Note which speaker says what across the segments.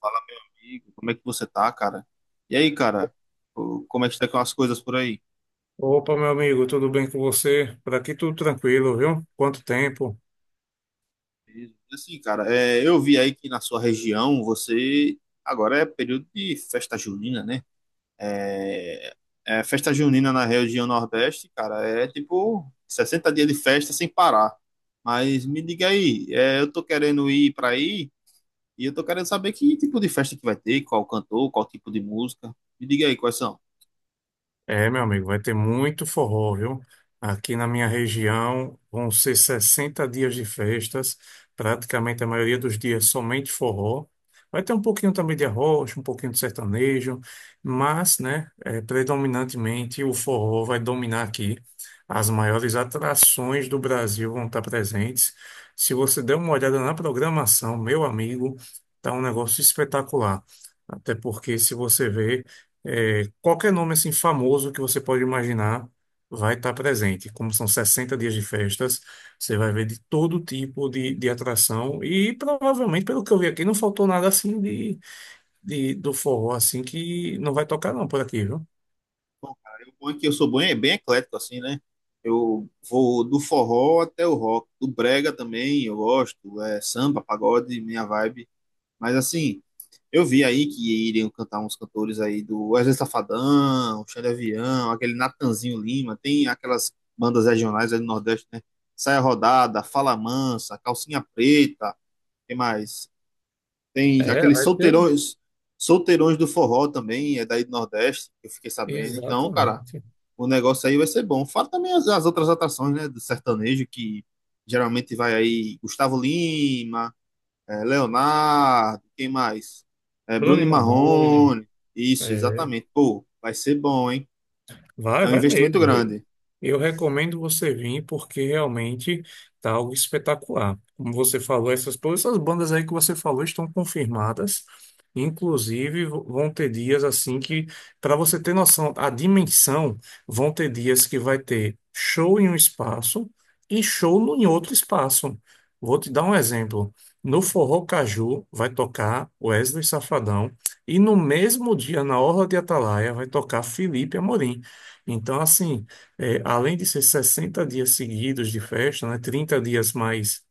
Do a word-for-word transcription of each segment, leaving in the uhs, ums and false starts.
Speaker 1: Fala, amigo, como é que você tá, cara? E aí, cara, o- como é que tá com as coisas por aí?
Speaker 2: Opa, meu amigo, tudo bem com você? Por aqui tudo tranquilo, viu? Quanto tempo?
Speaker 1: Beleza. Assim, cara, é, eu vi aí que na sua região você agora é período de festa junina, né? É, é, festa junina na região Nordeste, cara, é tipo sessenta dias de festa sem parar. Mas me diga aí, é, eu tô querendo ir pra aí e eu tô querendo saber que tipo de festa que vai ter, qual cantor, qual tipo de música. Me diga aí quais são.
Speaker 2: É, meu amigo, vai ter muito forró, viu? Aqui na minha região vão ser sessenta dias de festas, praticamente a maioria dos dias somente forró. Vai ter um pouquinho também de arroz, um pouquinho de sertanejo, mas, né, é, predominantemente o forró vai dominar aqui. As maiores atrações do Brasil vão estar presentes. Se você der uma olhada na programação, meu amigo, tá um negócio espetacular. Até porque, se você ver. É, qualquer nome assim famoso que você pode imaginar vai estar presente. Como são sessenta dias de festas, você vai ver de todo tipo de, de atração e provavelmente, pelo que eu vi aqui, não faltou nada assim de, de- do forró assim que não vai tocar não por aqui, viu?
Speaker 1: O bom é que eu sou bem, é bem eclético, assim, né? Eu vou do forró até o rock, do brega também, eu gosto, é samba, pagode, minha vibe. Mas assim, eu vi aí que iriam cantar uns cantores aí do Wesley Safadão, Xande Avião, aquele Natanzinho Lima, tem aquelas bandas regionais aí do Nordeste, né? Saia Rodada, Fala Mansa, Calcinha Preta, tem mais? Tem
Speaker 2: É,
Speaker 1: aqueles
Speaker 2: vai ter.
Speaker 1: solteirões, solteirões do forró também, é daí do Nordeste, eu fiquei sabendo. Então, cara,
Speaker 2: Exatamente.
Speaker 1: o negócio aí vai ser bom. Fora também as, as outras atrações, né, do sertanejo, que geralmente vai aí Gustavo Lima, é, Leonardo, quem mais? É,
Speaker 2: Bruno
Speaker 1: Bruno
Speaker 2: e
Speaker 1: e
Speaker 2: Marrone.
Speaker 1: Marrone. Isso,
Speaker 2: É,
Speaker 1: exatamente. Pô, vai ser bom, hein?
Speaker 2: vai,
Speaker 1: É um
Speaker 2: vai
Speaker 1: investimento
Speaker 2: mesmo.
Speaker 1: grande.
Speaker 2: Eu recomendo você vir porque realmente tá algo espetacular. Como você falou, essas todas essas bandas aí que você falou estão confirmadas. Inclusive, v- vão ter dias assim que, para você ter noção, a dimensão, vão ter dias que vai ter show em um espaço e show no- em outro espaço. Vou te dar um exemplo. No Forró Caju vai tocar Wesley Safadão e no mesmo dia, na Orla de Atalaia, vai tocar Felipe Amorim. Então, assim. É, além de ser sessenta dias seguidos de festa, né, trinta dias mais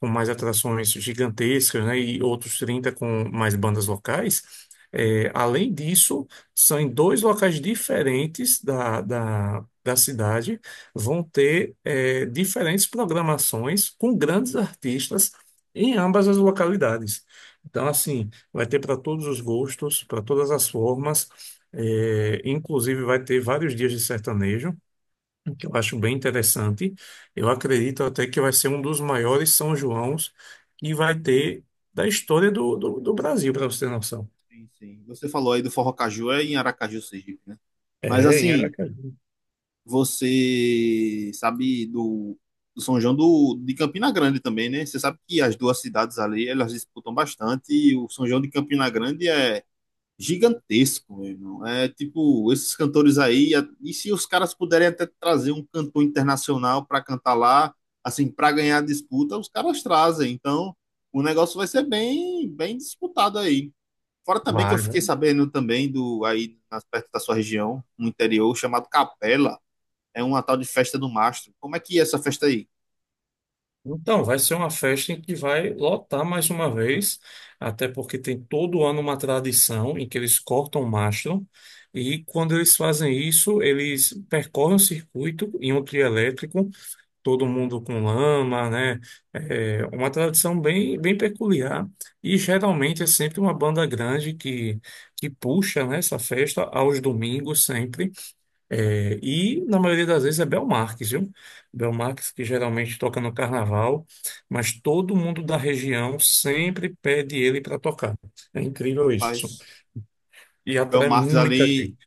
Speaker 2: com mais atrações gigantescas, né, e outros trinta com mais bandas locais, é, além disso, são em dois locais diferentes da, da, da cidade, vão ter é, diferentes programações com grandes artistas em ambas as localidades. Então, assim, vai ter para todos os gostos, para todas as formas, é, inclusive vai ter vários dias de sertanejo que eu acho bem interessante. Eu acredito até que vai ser um dos maiores São Joãos que vai ter da história do, do, do Brasil, para você ter noção.
Speaker 1: Sim, sim. Você falou aí do Forró Caju, é em Aracaju, Sergipe, né? Mas
Speaker 2: É, em
Speaker 1: assim,
Speaker 2: Aracaju.
Speaker 1: você sabe do, do São João do, de Campina Grande também, né? Você sabe que as duas cidades ali, elas disputam bastante e o São João de Campina Grande é gigantesco, meu irmão. É tipo, esses cantores aí, a- e se os caras puderem até trazer um cantor internacional para cantar lá, assim, para ganhar a disputa, os caras trazem. Então, o negócio vai ser bem, bem disputado aí. Fora também que eu
Speaker 2: Vai, né?
Speaker 1: fiquei sabendo também do aí nas- perto da sua região, no interior, chamado Capela, é uma tal de festa do mastro. Como é que é essa festa aí?
Speaker 2: Então, vai ser uma festa em que vai lotar mais uma vez, até porque tem todo ano uma tradição em que eles cortam o mastro, e quando eles fazem isso, eles percorrem o circuito em um trio elétrico todo mundo com lama, né? É uma tradição bem, bem peculiar e geralmente é sempre uma banda grande que, que puxa, né, essa festa aos domingos sempre. É, e na maioria das vezes é Belmarques, viu? Belmarques que geralmente toca no carnaval, mas todo mundo da região sempre pede ele para tocar. É incrível isso.
Speaker 1: Rapaz,
Speaker 2: E
Speaker 1: Bel
Speaker 2: atrai
Speaker 1: Marques
Speaker 2: muita
Speaker 1: ali
Speaker 2: gente.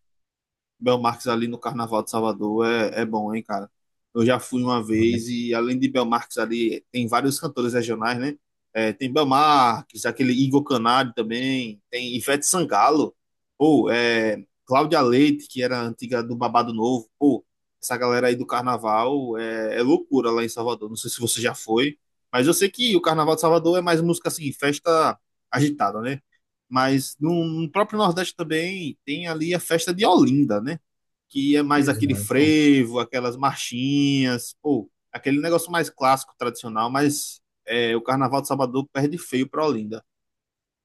Speaker 1: Belmarques ali no Carnaval de Salvador é, é bom, hein, cara? Eu já fui uma
Speaker 2: Né?
Speaker 1: vez e além de Belmarques ali, tem vários cantores regionais, né? É, tem Belmarques, aquele Igor Canário também, tem Ivete Sangalo, pô, é, Cláudia Leite, que era antiga do Babado Novo, pô, essa galera aí do Carnaval é, é loucura lá em Salvador. Não sei se você já foi, mas eu sei que o Carnaval de Salvador é mais música assim, festa agitada, né? Mas no, no próprio Nordeste também tem ali a festa de Olinda, né? Que é mais aquele
Speaker 2: Exato.
Speaker 1: frevo, aquelas marchinhas, ou aquele negócio mais clássico, tradicional, mas é, o Carnaval de Salvador perde feio para Olinda.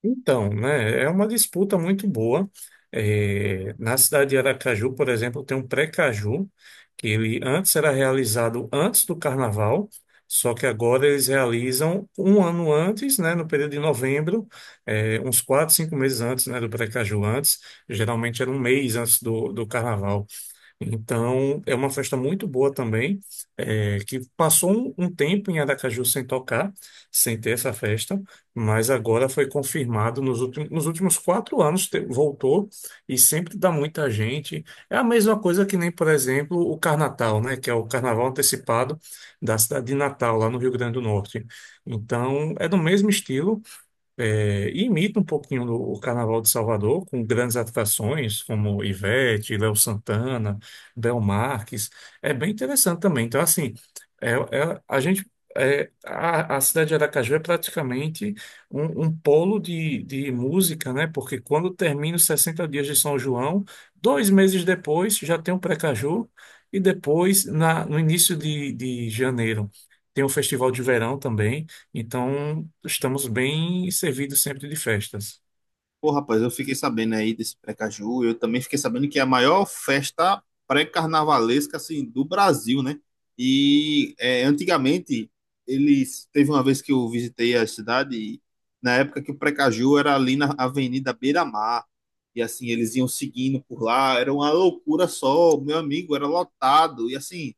Speaker 2: Então, né, é uma disputa muito boa. É, na cidade de Aracaju, por exemplo, tem um pré-caju, que ele antes era realizado antes do carnaval, só que agora eles realizam um ano antes, né, no período de novembro, é, uns quatro, cinco meses antes, né, do pré-caju antes, geralmente era um mês antes do, do carnaval. Então, é uma festa muito boa também, é, que passou um, um tempo em Aracaju sem tocar, sem ter essa festa, mas agora foi confirmado nos últimos, nos últimos quatro anos, te- voltou e sempre dá muita gente. É a mesma coisa que nem, por exemplo, o Carnatal, né, que é o carnaval antecipado da cidade de Natal, lá no Rio Grande do Norte. Então, é do mesmo estilo, é, e imita um pouquinho do- o Carnaval de Salvador, com grandes atrações como Ivete, Léo Santana, Bel Marques. É bem interessante também. Então, assim, é, é- a gente. é, a, a cidade de Aracaju é praticamente um, um polo de, de música, né? Porque quando termina os sessenta dias de São João, dois meses depois já tem o Precaju, e depois, na, no início de, de janeiro, tem o Festival de Verão também. Então, estamos bem servidos sempre de festas.
Speaker 1: Pô, rapaz, eu fiquei sabendo aí desse Precaju. Eu também fiquei sabendo que é a maior festa pré-carnavalesca assim, do Brasil, né? E é, antigamente, eles. Teve uma vez que eu visitei a cidade, e na época que o Precaju era ali na Avenida Beira-Mar. E assim, eles iam seguindo por lá. Era uma loucura só. Meu amigo, era lotado. E assim.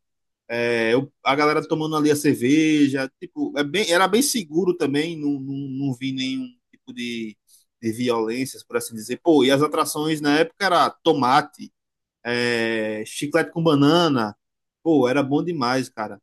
Speaker 1: É, eu- a galera tomando ali a cerveja, tipo, é bem, era bem seguro também, não, não, não vi nenhum tipo de, de violências, por assim dizer. Pô, e as atrações na época era tomate, é, chiclete com banana, pô, era bom demais, cara.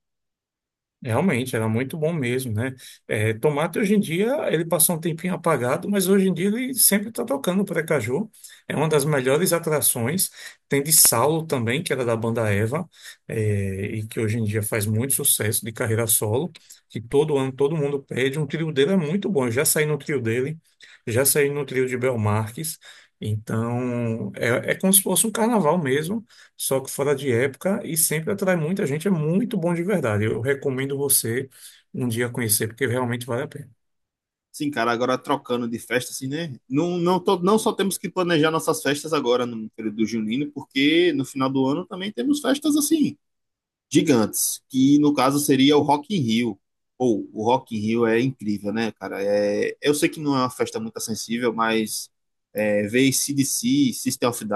Speaker 2: Realmente, era muito bom mesmo, né? É, Tomate, hoje em dia, ele passou um tempinho apagado, mas hoje em dia ele sempre está tocando o Precaju. É uma das melhores atrações. Tem de Saulo também, que era da banda Eva, é, e que hoje em dia faz muito sucesso de carreira solo, que todo ano todo mundo pede. Um trio dele é muito bom. Eu já saí no trio dele, já saí no trio de Bel Marques. Então, é, é como se fosse um carnaval mesmo só que fora de época e sempre atrai muita gente. É muito bom de verdade. Eu recomendo você um dia conhecer, porque realmente vale a pena.
Speaker 1: Sim, cara, agora trocando de festa, assim, né? Não, não, to- não só temos que planejar nossas festas agora no período do junino, porque no final do ano também temos festas assim gigantes, que no caso seria o Rock in Rio. Ou, o Rock in Rio é incrível, né, cara? É, eu sei que não é uma festa muito acessível, mas é, ver a c d c, System of a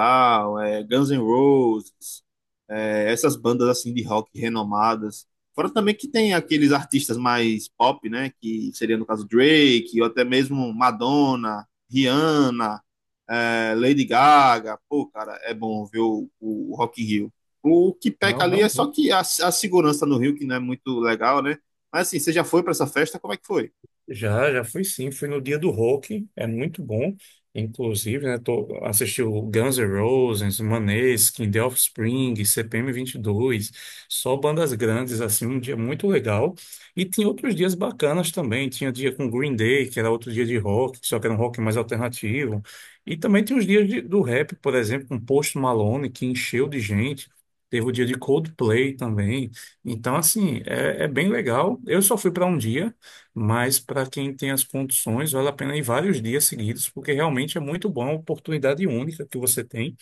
Speaker 1: Down, é, Guns N' Roses, é, essas bandas assim de rock renomadas. Fora também que tem aqueles artistas mais pop, né, que seria no caso Drake, ou até mesmo Madonna, Rihanna, é, Lady Gaga. Pô, cara, é bom ver o, o Rock in Rio. O que peca
Speaker 2: Não,
Speaker 1: ali é só
Speaker 2: realmente.
Speaker 1: que a, a segurança no Rio, que não é muito legal, né? Mas assim, você já foi para essa festa? Como é que foi?
Speaker 2: Já, já fui sim, fui no dia do rock, é muito bom, inclusive, né, tô, assisti o Guns N' Roses, Maneskin, The Offspring, C P M dois só bandas grandes, assim, um dia muito legal, e tinha outros dias bacanas também, tinha dia com Green Day, que era outro dia de rock, só que era um rock mais alternativo, e também tinha os dias de- do rap, por exemplo, com Post Malone, que encheu de gente, teve o dia de Coldplay também, então, assim, é, é bem legal, eu só fui para um dia, mas para quem tem as condições, vale a pena ir vários dias seguidos, porque realmente é muito bom, uma oportunidade única que você tem.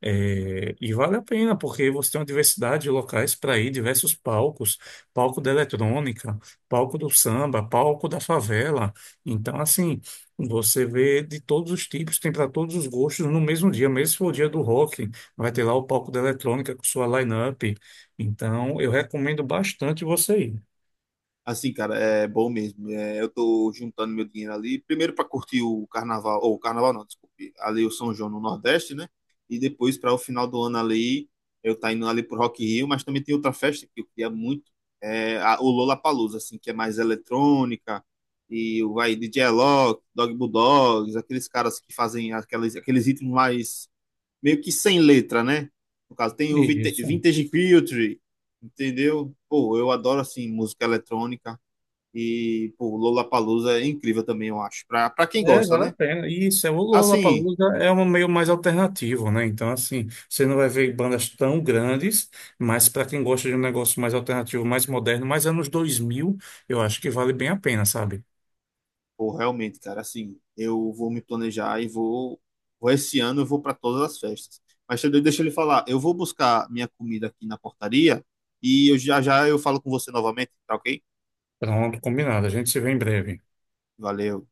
Speaker 2: É, e vale a pena, porque você tem uma diversidade de locais para ir, diversos palcos, palco da eletrônica, palco do samba, palco da favela. Então, assim, você vê de todos os tipos, tem para todos os gostos no mesmo dia, mesmo se for o dia do rock, vai ter lá o palco da eletrônica com sua line-up. Então, eu recomendo bastante você
Speaker 1: Assim, cara, é bom mesmo. É, eu tô juntando meu dinheiro ali, primeiro para curtir o carnaval, ou o carnaval não, desculpe, ali o São João no Nordeste, né? E depois para o final do ano ali, eu tá indo ali pro Rock in Rio, mas também tem outra festa que eu queria muito, é a, o Lollapalooza, assim, que é mais eletrônica, e vai D J Alok, Dog Bulldogs, aqueles caras que fazem aqueles, aqueles ritmos mais meio que sem letra, né? No caso, tem o
Speaker 2: ir. Isso.
Speaker 1: Vintage Culture, entendeu? Pô, eu adoro, assim, música eletrônica. E, pô, Lollapalooza é incrível também, eu acho. Pra, pra quem
Speaker 2: É,
Speaker 1: gosta,
Speaker 2: vale a
Speaker 1: né?
Speaker 2: pena. E Isso, é, o
Speaker 1: Assim,
Speaker 2: Lollapalooza é um meio mais alternativo, né? Então, assim, você não vai ver bandas tão grandes, mas para quem gosta de um negócio mais alternativo, mais moderno, mais anos dois mil eu acho que vale bem a pena, sabe?
Speaker 1: pô, realmente, cara, assim, eu vou me planejar e vou... vou esse ano, eu vou para todas as festas. Mas Xandão, deixa ele falar. Eu vou buscar minha comida aqui na portaria e eu já já eu falo com você novamente, tá ok?
Speaker 2: Pronto, combinado. A gente se vê em breve.
Speaker 1: Valeu.